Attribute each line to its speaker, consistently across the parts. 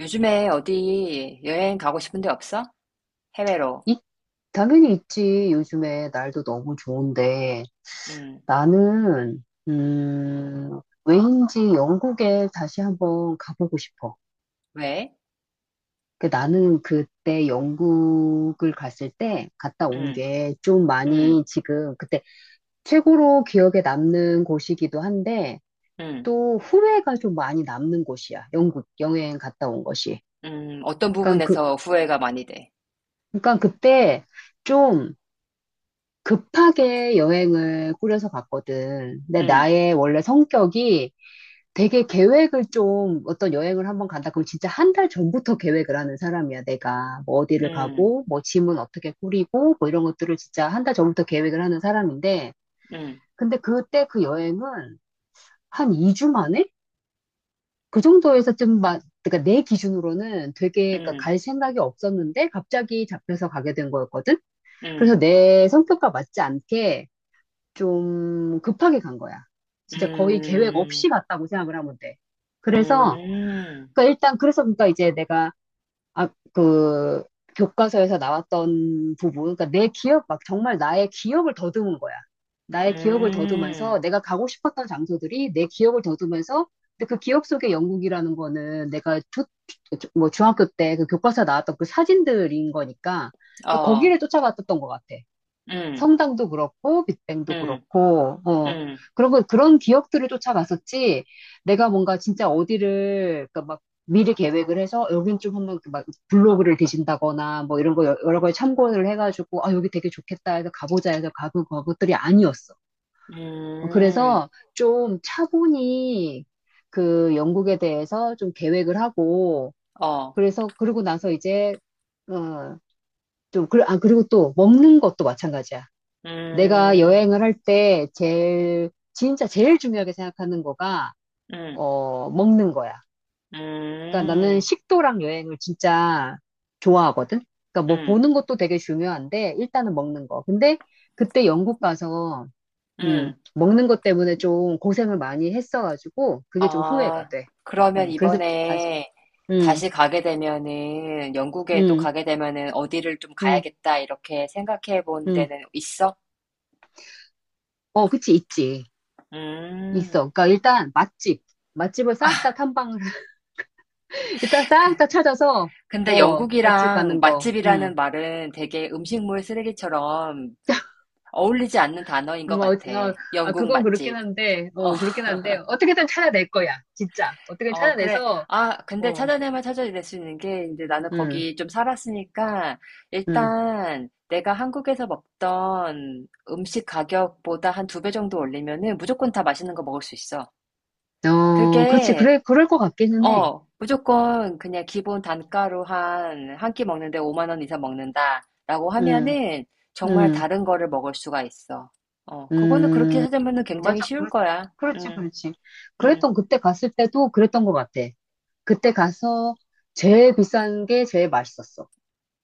Speaker 1: 요즘에 어디 여행 가고 싶은 데 없어? 해외로.
Speaker 2: 이- 당연히 있지. 요즘에 날도 너무 좋은데
Speaker 1: 음,
Speaker 2: 나는 왜인지 영국에 다시 한번 가보고 싶어.
Speaker 1: 왜?
Speaker 2: 나는 그때 영국을 갔을 때 갔다 온
Speaker 1: 음,
Speaker 2: 게 좀
Speaker 1: 음,
Speaker 2: 많이 지금 그때 최고로 기억에 남는 곳이기도 한데
Speaker 1: 음,
Speaker 2: 또 후회가 좀 많이 남는 곳이야. 영국 여행 갔다 온 것이.
Speaker 1: 어떤
Speaker 2: 그러니까 그
Speaker 1: 부분에서 후회가 많이 돼?
Speaker 2: 그러니까 그때 좀 급하게 여행을 꾸려서 갔거든. 근데
Speaker 1: 음,
Speaker 2: 나의 원래 성격이 되게 계획을 좀 어떤 여행을 한번 간다. 그럼 진짜 한 달 전부터 계획을 하는 사람이야, 내가. 뭐 어디를
Speaker 1: 음,
Speaker 2: 가고, 뭐 짐은 어떻게 꾸리고, 뭐 이런 것들을 진짜 한 달 전부터 계획을 하는 사람인데,
Speaker 1: 음,
Speaker 2: 근데 그때 그 여행은 한 2주 만에? 그 정도에서 좀 막, 그러니까 내 기준으로는 되게 그러니까
Speaker 1: 음,
Speaker 2: 갈 생각이 없었는데 갑자기 잡혀서 가게 된 거였거든?
Speaker 1: 음,
Speaker 2: 그래서 내 성격과 맞지 않게 좀 급하게 간 거야. 진짜 거의 계획
Speaker 1: 음,
Speaker 2: 없이 갔다고 생각을 하면 돼. 그래서,
Speaker 1: 음,
Speaker 2: 그러니까 일단, 그래서 그러니까 이제 내가, 아, 그, 교과서에서 나왔던 부분, 그러니까 내 기억, 막 정말 나의 기억을 더듬은 거야. 나의 기억을 더듬으면서
Speaker 1: 음,
Speaker 2: 내가 가고 싶었던 장소들이 내 기억을 더듬으면서 근데 그 기억 속의 영국이라는 거는 뭐 중학교 때 그 교과서 나왔던 그 사진들인 거니까 그러니까
Speaker 1: 어,
Speaker 2: 거기를 쫓아갔었던 것 같아.
Speaker 1: 음,
Speaker 2: 성당도 그렇고 빅뱅도
Speaker 1: 음,
Speaker 2: 그렇고
Speaker 1: 음,
Speaker 2: 그런 거 그런 기억들을 쫓아갔었지. 내가 뭔가 진짜 어디를 그러니까 막 미리 계획을 해서 여긴 좀 한번 그막 블로그를 뒤진다거나 뭐 이런 거 여러 가지 참고를 해가지고 아 여기 되게 좋겠다 해서 가보자 해서 가본 것들이 아니었어. 어,
Speaker 1: 음,
Speaker 2: 그래서 좀 차분히 그 영국에 대해서 좀 계획을 하고
Speaker 1: 어,
Speaker 2: 그래서 그러고 나서 이제 어좀 아 그리고 또 먹는 것도 마찬가지야. 내가
Speaker 1: 음,
Speaker 2: 여행을 할 때 제일, 진짜 제일 중요하게 생각하는 거가,
Speaker 1: 음,
Speaker 2: 어, 먹는 거야. 그러니까 나는
Speaker 1: 음,
Speaker 2: 식도락 여행을 진짜 좋아하거든? 그러니까 뭐
Speaker 1: 음,
Speaker 2: 보는 것도 되게 중요한데, 일단은 먹는 거. 근데 그때 영국 가서,
Speaker 1: 음,
Speaker 2: 먹는 것 때문에 좀 고생을 많이 했어가지고, 그게 좀 후회가
Speaker 1: 아,
Speaker 2: 돼.
Speaker 1: 그러면
Speaker 2: 그래서, 아,
Speaker 1: 이번에
Speaker 2: 음,
Speaker 1: 다시 가게 되면은, 영국에 또
Speaker 2: 음,
Speaker 1: 가게 되면은 어디를 좀
Speaker 2: 음,
Speaker 1: 가야겠다, 이렇게 생각해 본
Speaker 2: 음.
Speaker 1: 데는 있어?
Speaker 2: 어, 그치, 있지.
Speaker 1: 음,
Speaker 2: 있어. 그러니까 일단 맛집. 맛집을 싹
Speaker 1: 아,
Speaker 2: 다 탐방 일단
Speaker 1: 그-
Speaker 2: 싹 다 찾아서,
Speaker 1: 근데
Speaker 2: 어, 맛집
Speaker 1: 영국이랑
Speaker 2: 가는 거, 응.
Speaker 1: 맛집이라는 말은 되게 음식물 쓰레기처럼 어울리지 않는 단어인
Speaker 2: 음,
Speaker 1: 것
Speaker 2: 어,
Speaker 1: 같아.
Speaker 2: 어, 아,
Speaker 1: 영국
Speaker 2: 그건 그렇긴
Speaker 1: 맛집.
Speaker 2: 한데,
Speaker 1: 어.
Speaker 2: 어, 그렇긴 한데, 어떻게든 찾아낼 거야, 진짜. 어떻게든
Speaker 1: 어, 그래.
Speaker 2: 찾아내서,
Speaker 1: 아, 근데
Speaker 2: 어,
Speaker 1: 찾아내면 찾아낼 수 있는 게, 이제 나는
Speaker 2: 응,
Speaker 1: 거기 좀 살았으니까,
Speaker 2: 응.
Speaker 1: 일단 내가 한국에서 먹던 음식 가격보다 한 두 배 정도 올리면은 무조건 다 맛있는 거 먹을 수 있어.
Speaker 2: 어, 그렇지,
Speaker 1: 그게,
Speaker 2: 그래, 그럴 것 같기는 해.
Speaker 1: 어, 무조건 그냥 기본 단가로 한 끼 먹는데 5만 원 이상 먹는다라고
Speaker 2: 응,
Speaker 1: 하면은 정말
Speaker 2: 응,
Speaker 1: 다른 거를 먹을 수가 있어. 어, 그거는 그렇게
Speaker 2: 응.
Speaker 1: 찾으면은 굉장히
Speaker 2: 맞아,
Speaker 1: 쉬울 거야.
Speaker 2: 그렇지, 그렇지.
Speaker 1: 음,
Speaker 2: 그랬던, 그때 갔을 때도 그랬던 것 같아. 그때 가서 제일 비싼 게 제일 맛있었어.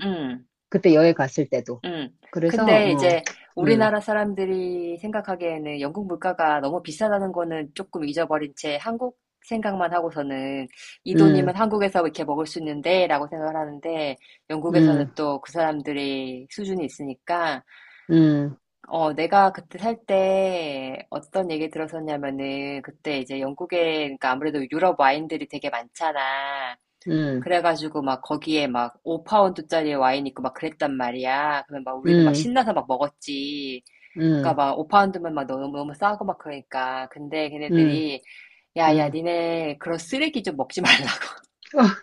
Speaker 1: 음.
Speaker 2: 그때 여행 갔을 때도.
Speaker 1: 음.
Speaker 2: 그래서,
Speaker 1: 근데
Speaker 2: 어,
Speaker 1: 이제
Speaker 2: 응,
Speaker 1: 우리나라 사람들이 생각하기에는 영국 물가가 너무 비싸다는 거는 조금 잊어버린 채 한국 생각만 하고서는 이
Speaker 2: 응,
Speaker 1: 돈이면 한국에서 이렇게 먹을 수 있는데 라고 생각을 하는데 영국에서는
Speaker 2: 응.
Speaker 1: 또 그 사람들이 수준이 있으니까
Speaker 2: 음,
Speaker 1: 어, 내가 그때 살 때 어떤 얘기 들었었냐면은 그때 이제 영국에 그러니까 아무래도 유럽 와인들이 되게 많잖아.
Speaker 2: 음,
Speaker 1: 그래가지고 막 거기에 막 5파운드짜리 와인 있고 막 그랬단 말이야. 그러면 막 우리는 막
Speaker 2: 음,
Speaker 1: 신나서 막 먹었지.
Speaker 2: 음,
Speaker 1: 그러니까 막 5파운드면 막 너무 너무 싸고 막 그러니까. 근데
Speaker 2: 음,
Speaker 1: 걔네들이 야야
Speaker 2: 음.
Speaker 1: 니네 그런 쓰레기 좀 먹지 말라.
Speaker 2: 아,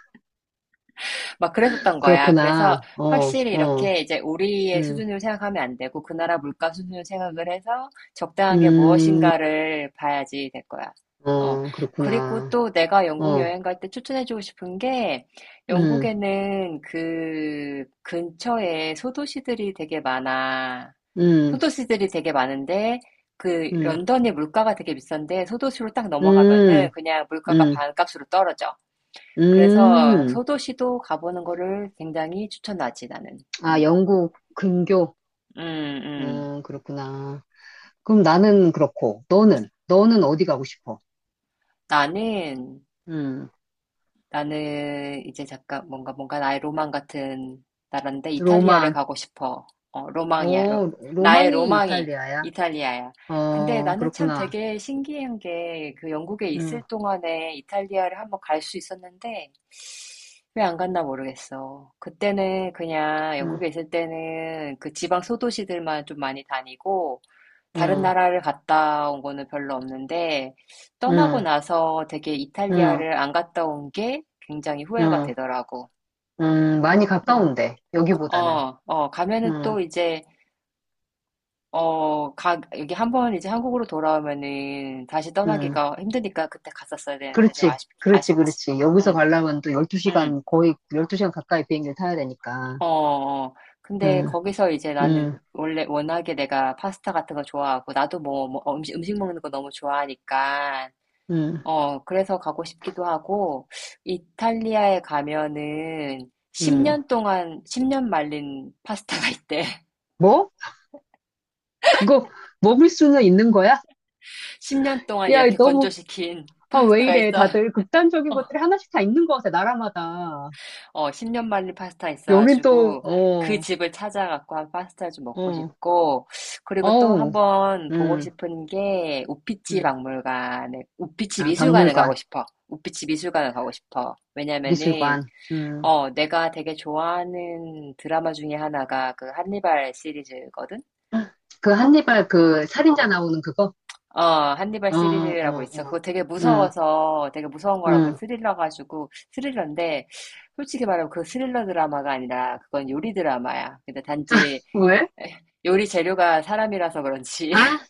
Speaker 1: 막 그랬었던 거야. 그래서
Speaker 2: 그렇구나. 어,
Speaker 1: 확실히
Speaker 2: 어,
Speaker 1: 이렇게 이제 우리의
Speaker 2: 음,
Speaker 1: 수준으로 생각하면 안 되고 그 나라 물가 수준으로 생각을 해서 적당한 게
Speaker 2: 음,
Speaker 1: 무엇인가를 봐야지 될 거야. 어.
Speaker 2: 어,
Speaker 1: 그리고
Speaker 2: 그렇구나.
Speaker 1: 또 내가 영국
Speaker 2: 어,
Speaker 1: 여행 갈 때 추천해주고 싶은 게
Speaker 2: 음,
Speaker 1: 영국에는 그 근처에 소도시들이 되게 많아.
Speaker 2: 음,
Speaker 1: 소도시들이 되게 많은데 그
Speaker 2: 음,
Speaker 1: 런던의 물가가 되게 비싼데 소도시로 딱
Speaker 2: 음,
Speaker 1: 넘어가면은 그냥 물가가
Speaker 2: 음,
Speaker 1: 반값으로 떨어져. 그래서
Speaker 2: 음.
Speaker 1: 소도시도 가보는 거를 굉장히 추천하지, 나는.
Speaker 2: 아,
Speaker 1: 음,
Speaker 2: 영국 근교.
Speaker 1: 음, 음.
Speaker 2: 그렇구나. 그럼 나는 그렇고, 너는 어디 가고 싶어?
Speaker 1: 나는,
Speaker 2: 음,
Speaker 1: 나는 이제 잠깐 뭔가 나의 로망 같은 나라인데 이탈리아를
Speaker 2: 로망.
Speaker 1: 가고 싶어. 어, 로망이야.
Speaker 2: 어,
Speaker 1: 나의
Speaker 2: 로망이
Speaker 1: 로망이
Speaker 2: 이탈리아야.
Speaker 1: 이탈리아야. 근데
Speaker 2: 어,
Speaker 1: 나는 참
Speaker 2: 그렇구나.
Speaker 1: 되게 신기한 게 그 영국에
Speaker 2: 음,
Speaker 1: 있을 동안에 이탈리아를 한번 갈 수 있었는데 왜 안 갔나 모르겠어. 그때는 그냥
Speaker 2: 음,
Speaker 1: 영국에 있을 때는 그 지방 소도시들만 좀 많이 다니고 다른
Speaker 2: 음,
Speaker 1: 나라를 갔다 온 거는 별로 없는데 떠나고
Speaker 2: 음.
Speaker 1: 나서 되게
Speaker 2: 음.
Speaker 1: 이탈리아를 안 갔다 온 게 굉장히 후회가
Speaker 2: 음,
Speaker 1: 되더라고.
Speaker 2: 많이
Speaker 1: 음.
Speaker 2: 가까운데, 여기보다는.
Speaker 1: 어, 어, 가면은
Speaker 2: 음,
Speaker 1: 또 이제 어, 가 여기 한번 이제 한국으로 돌아오면은 다시
Speaker 2: 음,
Speaker 1: 떠나기가 힘드니까 그때 갔었어야 되는데 좀
Speaker 2: 그렇지, 그렇지,
Speaker 1: 아쉽지.
Speaker 2: 그렇지. 여기서
Speaker 1: 응
Speaker 2: 가려면 또
Speaker 1: 응
Speaker 2: 12시간, 거의 12시간 가까이 비행기를 타야 되니까.
Speaker 1: 어, 어. 근데
Speaker 2: 음,
Speaker 1: 거기서 이제
Speaker 2: 음,
Speaker 1: 나는 원래 워낙에 내가 파스타 같은 거 좋아하고 나도 뭐 음식 먹는 거 너무 좋아하니까
Speaker 2: 음,
Speaker 1: 어, 그래서 가고 싶기도 하고, 이탈리아에 가면은
Speaker 2: 음.
Speaker 1: 10년 동안, 10년 말린 파스타가 있대.
Speaker 2: 뭐? 그거 먹을 수는 있는 거야?
Speaker 1: 10년 동안
Speaker 2: 야,
Speaker 1: 이렇게
Speaker 2: 너무,
Speaker 1: 건조시킨
Speaker 2: 아, 왜
Speaker 1: 파스타가
Speaker 2: 이래.
Speaker 1: 있어.
Speaker 2: 다들 극단적인
Speaker 1: 어,
Speaker 2: 것들이 하나씩 다 있는 것 같아, 나라마다.
Speaker 1: 10년 말린 파스타
Speaker 2: 여긴 또,
Speaker 1: 있어가지고, 그
Speaker 2: 어,
Speaker 1: 집을 찾아갖고 한 파스타 좀 먹고
Speaker 2: 어,
Speaker 1: 싶고, 그리고 또
Speaker 2: 어우,
Speaker 1: 한번 보고
Speaker 2: 음,
Speaker 1: 싶은 게,
Speaker 2: 음.
Speaker 1: 우피치
Speaker 2: 아,
Speaker 1: 미술관을
Speaker 2: 박물관,
Speaker 1: 가고 싶어. 우피치 미술관을 가고 싶어. 왜냐면은,
Speaker 2: 미술관,
Speaker 1: 어, 내가 되게 좋아하는 드라마 중에 하나가 그 한니발 시리즈거든?
Speaker 2: 그 한니발 그 살인자 나오는 그거?
Speaker 1: 어, 한니발
Speaker 2: 어,
Speaker 1: 시리즈라고
Speaker 2: 어,
Speaker 1: 있어.
Speaker 2: 어,
Speaker 1: 그거 되게
Speaker 2: 응
Speaker 1: 무서워서, 되게 무서운 거라고
Speaker 2: 음.
Speaker 1: 스릴러 가지고, 스릴러인데, 솔직히 말하면 그 스릴러 드라마가 아니라, 그건 요리 드라마야. 근데 단지
Speaker 2: 왜?
Speaker 1: 요리 재료가 사람이라서 그런지,
Speaker 2: 아,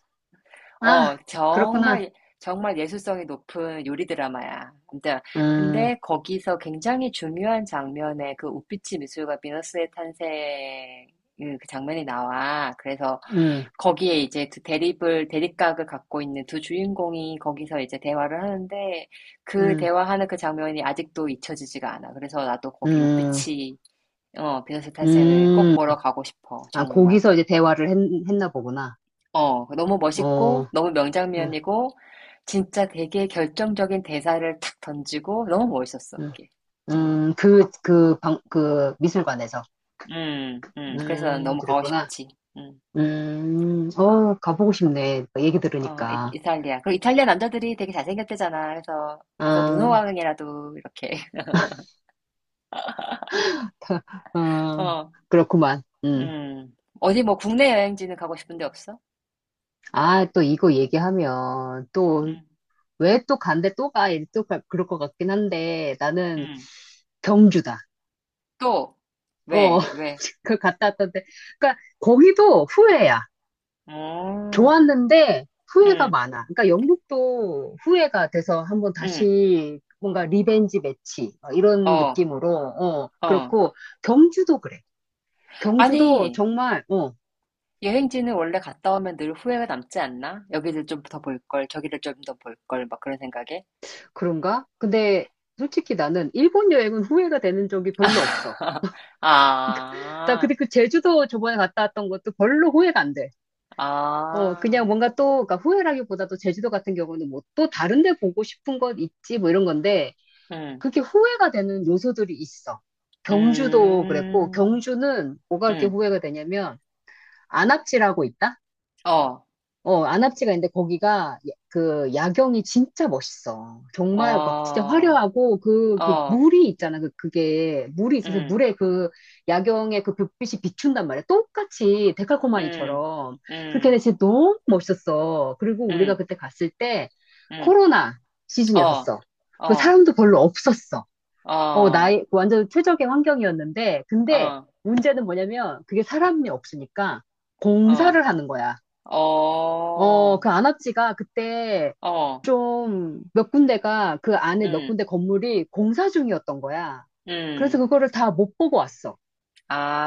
Speaker 2: 아, 그렇구나.
Speaker 1: 정말, 정말 예술성이 높은 요리 드라마야.
Speaker 2: 음,
Speaker 1: 근데 거기서 굉장히 중요한 장면에 그 우피치 미술관 비너스의 탄생, 그 장면이 나와. 그래서
Speaker 2: 음,
Speaker 1: 거기에 이제 대립각을 갖고 있는 두 주인공이 거기서 이제 대화를 하는데 그
Speaker 2: 음,
Speaker 1: 대화하는 그 장면이 아직도 잊혀지지가 않아. 그래서 나도 거기
Speaker 2: 음,
Speaker 1: 우피치, 어, 비너스 탄생을 꼭
Speaker 2: 음.
Speaker 1: 보러 가고 싶어.
Speaker 2: 아,
Speaker 1: 정말.
Speaker 2: 거기서 이제 대화를 했, 했나 보구나.
Speaker 1: 어, 너무
Speaker 2: 어,
Speaker 1: 멋있고, 너무
Speaker 2: 음,
Speaker 1: 명장면이고, 진짜 되게 결정적인 대사를 탁 던지고, 너무 멋있었어,
Speaker 2: 음,
Speaker 1: 그게. 음,
Speaker 2: 그, 그 방, 그 미술관에서.
Speaker 1: 그래서 난 너무 가고
Speaker 2: 그랬구나.
Speaker 1: 싶지. 음.
Speaker 2: 어, 가보고 싶네. 얘기
Speaker 1: 어,
Speaker 2: 들으니까.
Speaker 1: 이탈리아. 그리고 이탈리아 남자들이 되게 잘생겼대잖아. 그래서 가서
Speaker 2: 아,
Speaker 1: 눈호강이라도 이렇게.
Speaker 2: 어,
Speaker 1: 어,
Speaker 2: 그렇구만. 음.
Speaker 1: 어디 뭐 국내 여행지는 가고 싶은데 없어?
Speaker 2: 아, 또 이거 얘기하면 또
Speaker 1: 음,
Speaker 2: 왜 또 간대 또 가? 이제 그럴 것 같긴 한데 나는
Speaker 1: 음.
Speaker 2: 경주다.
Speaker 1: 또,
Speaker 2: 어,
Speaker 1: 왜?
Speaker 2: 그 갔다 왔던데. 그러니까 거기도 후회야.
Speaker 1: 어,
Speaker 2: 좋았는데 후회가
Speaker 1: 음,
Speaker 2: 많아. 그러니까 영국도 후회가 돼서 한번
Speaker 1: 음.
Speaker 2: 다시 뭔가 리벤지 매치 어, 이런
Speaker 1: 어,
Speaker 2: 느낌으로 어
Speaker 1: 어.
Speaker 2: 그렇고 경주도 그래. 경주도
Speaker 1: 아니,
Speaker 2: 정말 어
Speaker 1: 여행지는 원래 갔다 오면 늘 후회가 남지 않나? 여기를 좀 더 볼 걸, 저기를 좀 더 볼 걸, 막 그런 생각에.
Speaker 2: 그런가? 근데 솔직히 나는 일본 여행은 후회가 되는 적이 별로 없어. 나
Speaker 1: 아,
Speaker 2: 근데 그 제주도 저번에 갔다 왔던 것도 별로 후회가 안 돼. 어,
Speaker 1: 아,
Speaker 2: 그냥 뭔가 또, 그러니까 후회라기보다도 제주도 같은 경우는 뭐 또 다른 데 보고 싶은 것 있지 뭐 이런 건데,
Speaker 1: 음,
Speaker 2: 그게 렇 후회가 되는 요소들이 있어. 경주도 그랬고,
Speaker 1: 음,
Speaker 2: 경주는 뭐가 그렇게
Speaker 1: 음,
Speaker 2: 후회가 되냐면, 안압질하고 있다?
Speaker 1: 어,
Speaker 2: 어, 안압지가 있는데 거기가 그 야경이 진짜 멋있어. 정말 막 진짜
Speaker 1: 어,
Speaker 2: 화려하고 그
Speaker 1: 어,
Speaker 2: 물이 있잖아. 그게 물이 있어서
Speaker 1: 음,
Speaker 2: 물에 그 야경에 그 불빛이 비춘단 말이야. 똑같이
Speaker 1: 음,
Speaker 2: 데칼코마니처럼. 그렇게
Speaker 1: 음,
Speaker 2: 해서 진짜 너무 멋있었어. 그리고 우리가
Speaker 1: 음,
Speaker 2: 그때 갔을 때
Speaker 1: 음,
Speaker 2: 코로나
Speaker 1: 어,
Speaker 2: 시즌이었었어. 그
Speaker 1: 어,
Speaker 2: 사람도 별로 없었어. 어,
Speaker 1: 어,
Speaker 2: 나이, 완전 최적의 환경이었는데 근데
Speaker 1: 어,
Speaker 2: 문제는 뭐냐면 그게 사람이 없으니까
Speaker 1: 어,
Speaker 2: 공사를 하는 거야. 어,
Speaker 1: 어,
Speaker 2: 그 안압지가 그때
Speaker 1: 어,
Speaker 2: 좀 몇 군데가 그 안에 몇
Speaker 1: 음,
Speaker 2: 군데 건물이 공사 중이었던 거야. 그래서
Speaker 1: 음,
Speaker 2: 그거를 다 못 보고 왔어.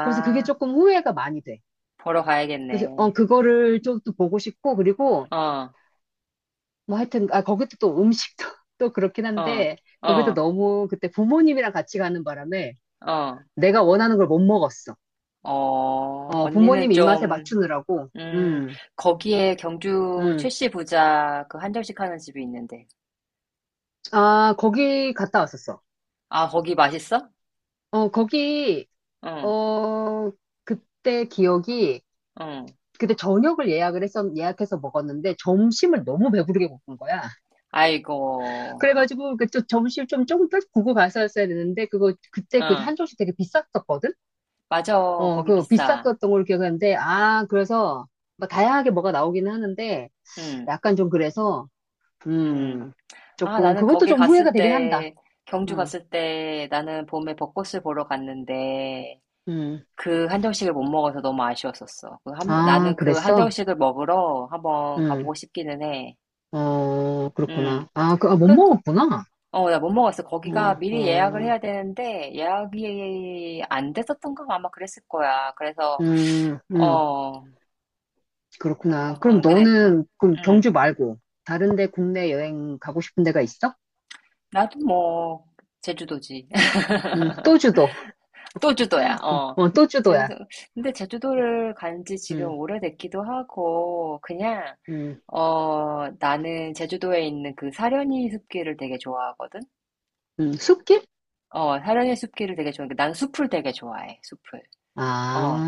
Speaker 2: 그래서 그게 조금 후회가 많이 돼.
Speaker 1: 보러
Speaker 2: 그래서 어,
Speaker 1: 가야겠네.
Speaker 2: 그거를 좀 또 보고 싶고 그리고
Speaker 1: 어.
Speaker 2: 뭐 하여튼 아 거기도 또 음식도 또 그렇긴
Speaker 1: 어,
Speaker 2: 한데 거기도
Speaker 1: 어,
Speaker 2: 너무 그때 부모님이랑 같이 가는 바람에
Speaker 1: 어,
Speaker 2: 내가 원하는 걸 못 먹었어.
Speaker 1: 어,
Speaker 2: 어, 부모님
Speaker 1: 언니는
Speaker 2: 입맛에
Speaker 1: 좀,
Speaker 2: 맞추느라고.
Speaker 1: 음,
Speaker 2: 음.
Speaker 1: 거기에 경주
Speaker 2: 음.
Speaker 1: 최씨 부자 그 한정식 하는 집이 있는데.
Speaker 2: 아, 거기 갔다 왔었어.
Speaker 1: 아, 거기 맛있어?
Speaker 2: 어, 거기
Speaker 1: 응,
Speaker 2: 어, 그때 기억이,
Speaker 1: 응.
Speaker 2: 그때 저녁을 예약을 했었, 예약해서 먹었는데, 점심을 너무 배부르게 먹은 거야.
Speaker 1: 아이고,
Speaker 2: 그래가지고, 좀 점심 좀 조금 더 구고 갔었어야 되는데, 그때 그
Speaker 1: 응.
Speaker 2: 한 조씩 되게 비쌌었거든?
Speaker 1: 맞아,
Speaker 2: 어,
Speaker 1: 거기
Speaker 2: 그
Speaker 1: 비싸.
Speaker 2: 비쌌었던 걸 기억하는데, 아, 그래서, 막 다양하게 뭐가 나오기는 하는데,
Speaker 1: 응,
Speaker 2: 약간 좀 그래서,
Speaker 1: 응.
Speaker 2: 음,
Speaker 1: 아,
Speaker 2: 조금,
Speaker 1: 나는
Speaker 2: 그것도
Speaker 1: 거기
Speaker 2: 좀 후회가
Speaker 1: 갔을
Speaker 2: 되긴 한다.
Speaker 1: 때, 경주
Speaker 2: 음,
Speaker 1: 갔을 때 나는 봄에 벚꽃을 보러 갔는데,
Speaker 2: 음.
Speaker 1: 그 한정식을 못 먹어서 너무 아쉬웠었어.
Speaker 2: 아,
Speaker 1: 나는 그
Speaker 2: 그랬어?
Speaker 1: 한정식을 먹으러 한번
Speaker 2: 음,
Speaker 1: 가보고 싶기는 해.
Speaker 2: 어, 그렇구나.
Speaker 1: 음.
Speaker 2: 아, 못
Speaker 1: 그,
Speaker 2: 먹었구나.
Speaker 1: 어, 나 못 먹었어. 거기가
Speaker 2: 어,
Speaker 1: 미리 예약을
Speaker 2: 어.
Speaker 1: 해야 되는데 예약이 안 됐었던 거 아마 그랬을 거야. 그래서
Speaker 2: 음, 음,
Speaker 1: 어,
Speaker 2: 그렇구나. 그럼
Speaker 1: 어 근데
Speaker 2: 너는, 그럼 경주
Speaker 1: 음,
Speaker 2: 말고, 다른데 국내 여행 가고 싶은 데가 있어?
Speaker 1: 나도 뭐 제주도지.
Speaker 2: 또주도.
Speaker 1: 또 주도야. 어.
Speaker 2: 어, 또주도야.
Speaker 1: 제주도. 근데 제주도를 간지 지금
Speaker 2: 음,
Speaker 1: 오래됐기도 하고 그냥
Speaker 2: 음,
Speaker 1: 어, 나는 제주도에 있는 그 사려니 숲길을 되게 좋아하거든.
Speaker 2: 숲길?
Speaker 1: 어, 사려니 숲길을 되게 좋아해. 난 숲을 되게 좋아해. 숲을.
Speaker 2: 아,
Speaker 1: 어,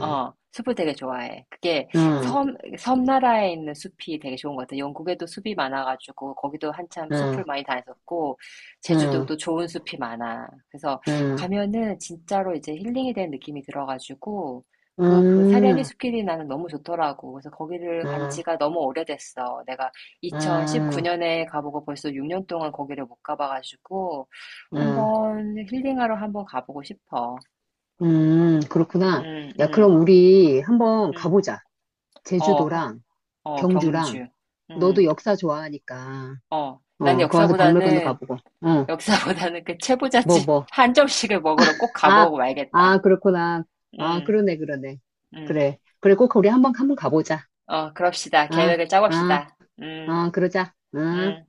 Speaker 1: 숲을 되게 좋아해. 그게
Speaker 2: 음,
Speaker 1: 섬나라에 있는 숲이 되게 좋은 것 같아. 영국에도 숲이 많아가지고, 거기도 한참
Speaker 2: 음,
Speaker 1: 숲을 많이 다녔었고,
Speaker 2: 음,
Speaker 1: 제주도도 좋은 숲이 많아. 그래서
Speaker 2: 음,
Speaker 1: 가면은 진짜로 이제 힐링이 된 느낌이 들어가지고, 그 사려니
Speaker 2: 음,
Speaker 1: 숲길이 나는 너무 좋더라고. 그래서 거기를 간
Speaker 2: 음,
Speaker 1: 지가 너무 오래됐어. 내가
Speaker 2: 음,
Speaker 1: 2019년에 가보고 벌써 6년 동안 거기를 못 가봐가지고,
Speaker 2: 음,
Speaker 1: 한번 힐링하러 한번 가보고 싶어.
Speaker 2: 그렇구나.
Speaker 1: 음,
Speaker 2: 야,
Speaker 1: 음,
Speaker 2: 그럼 우리 한번
Speaker 1: 음.
Speaker 2: 가보자.
Speaker 1: 어, 하,
Speaker 2: 제주도랑
Speaker 1: 어,
Speaker 2: 경주랑,
Speaker 1: 경주.
Speaker 2: 너도
Speaker 1: 음,
Speaker 2: 역사 좋아하니까,
Speaker 1: 어.
Speaker 2: 어,
Speaker 1: 난
Speaker 2: 거기 가서 박물관도
Speaker 1: 역사보다는,
Speaker 2: 가보고, 어,
Speaker 1: 역사보다는 그
Speaker 2: 뭐,
Speaker 1: 채부잣집
Speaker 2: 뭐.
Speaker 1: 한 점씩을 먹으러 꼭
Speaker 2: 아,
Speaker 1: 가보고
Speaker 2: 아,
Speaker 1: 말겠다.
Speaker 2: 그렇구나. 아,
Speaker 1: 음,
Speaker 2: 그러네, 그러네.
Speaker 1: 음.
Speaker 2: 그래. 그래, 꼭 우리 한번, 한번 가보자.
Speaker 1: 어, 그럽시다.
Speaker 2: 아,
Speaker 1: 계획을
Speaker 2: 아,
Speaker 1: 짜봅시다. 음,
Speaker 2: 아, 그러자. 아.
Speaker 1: 음.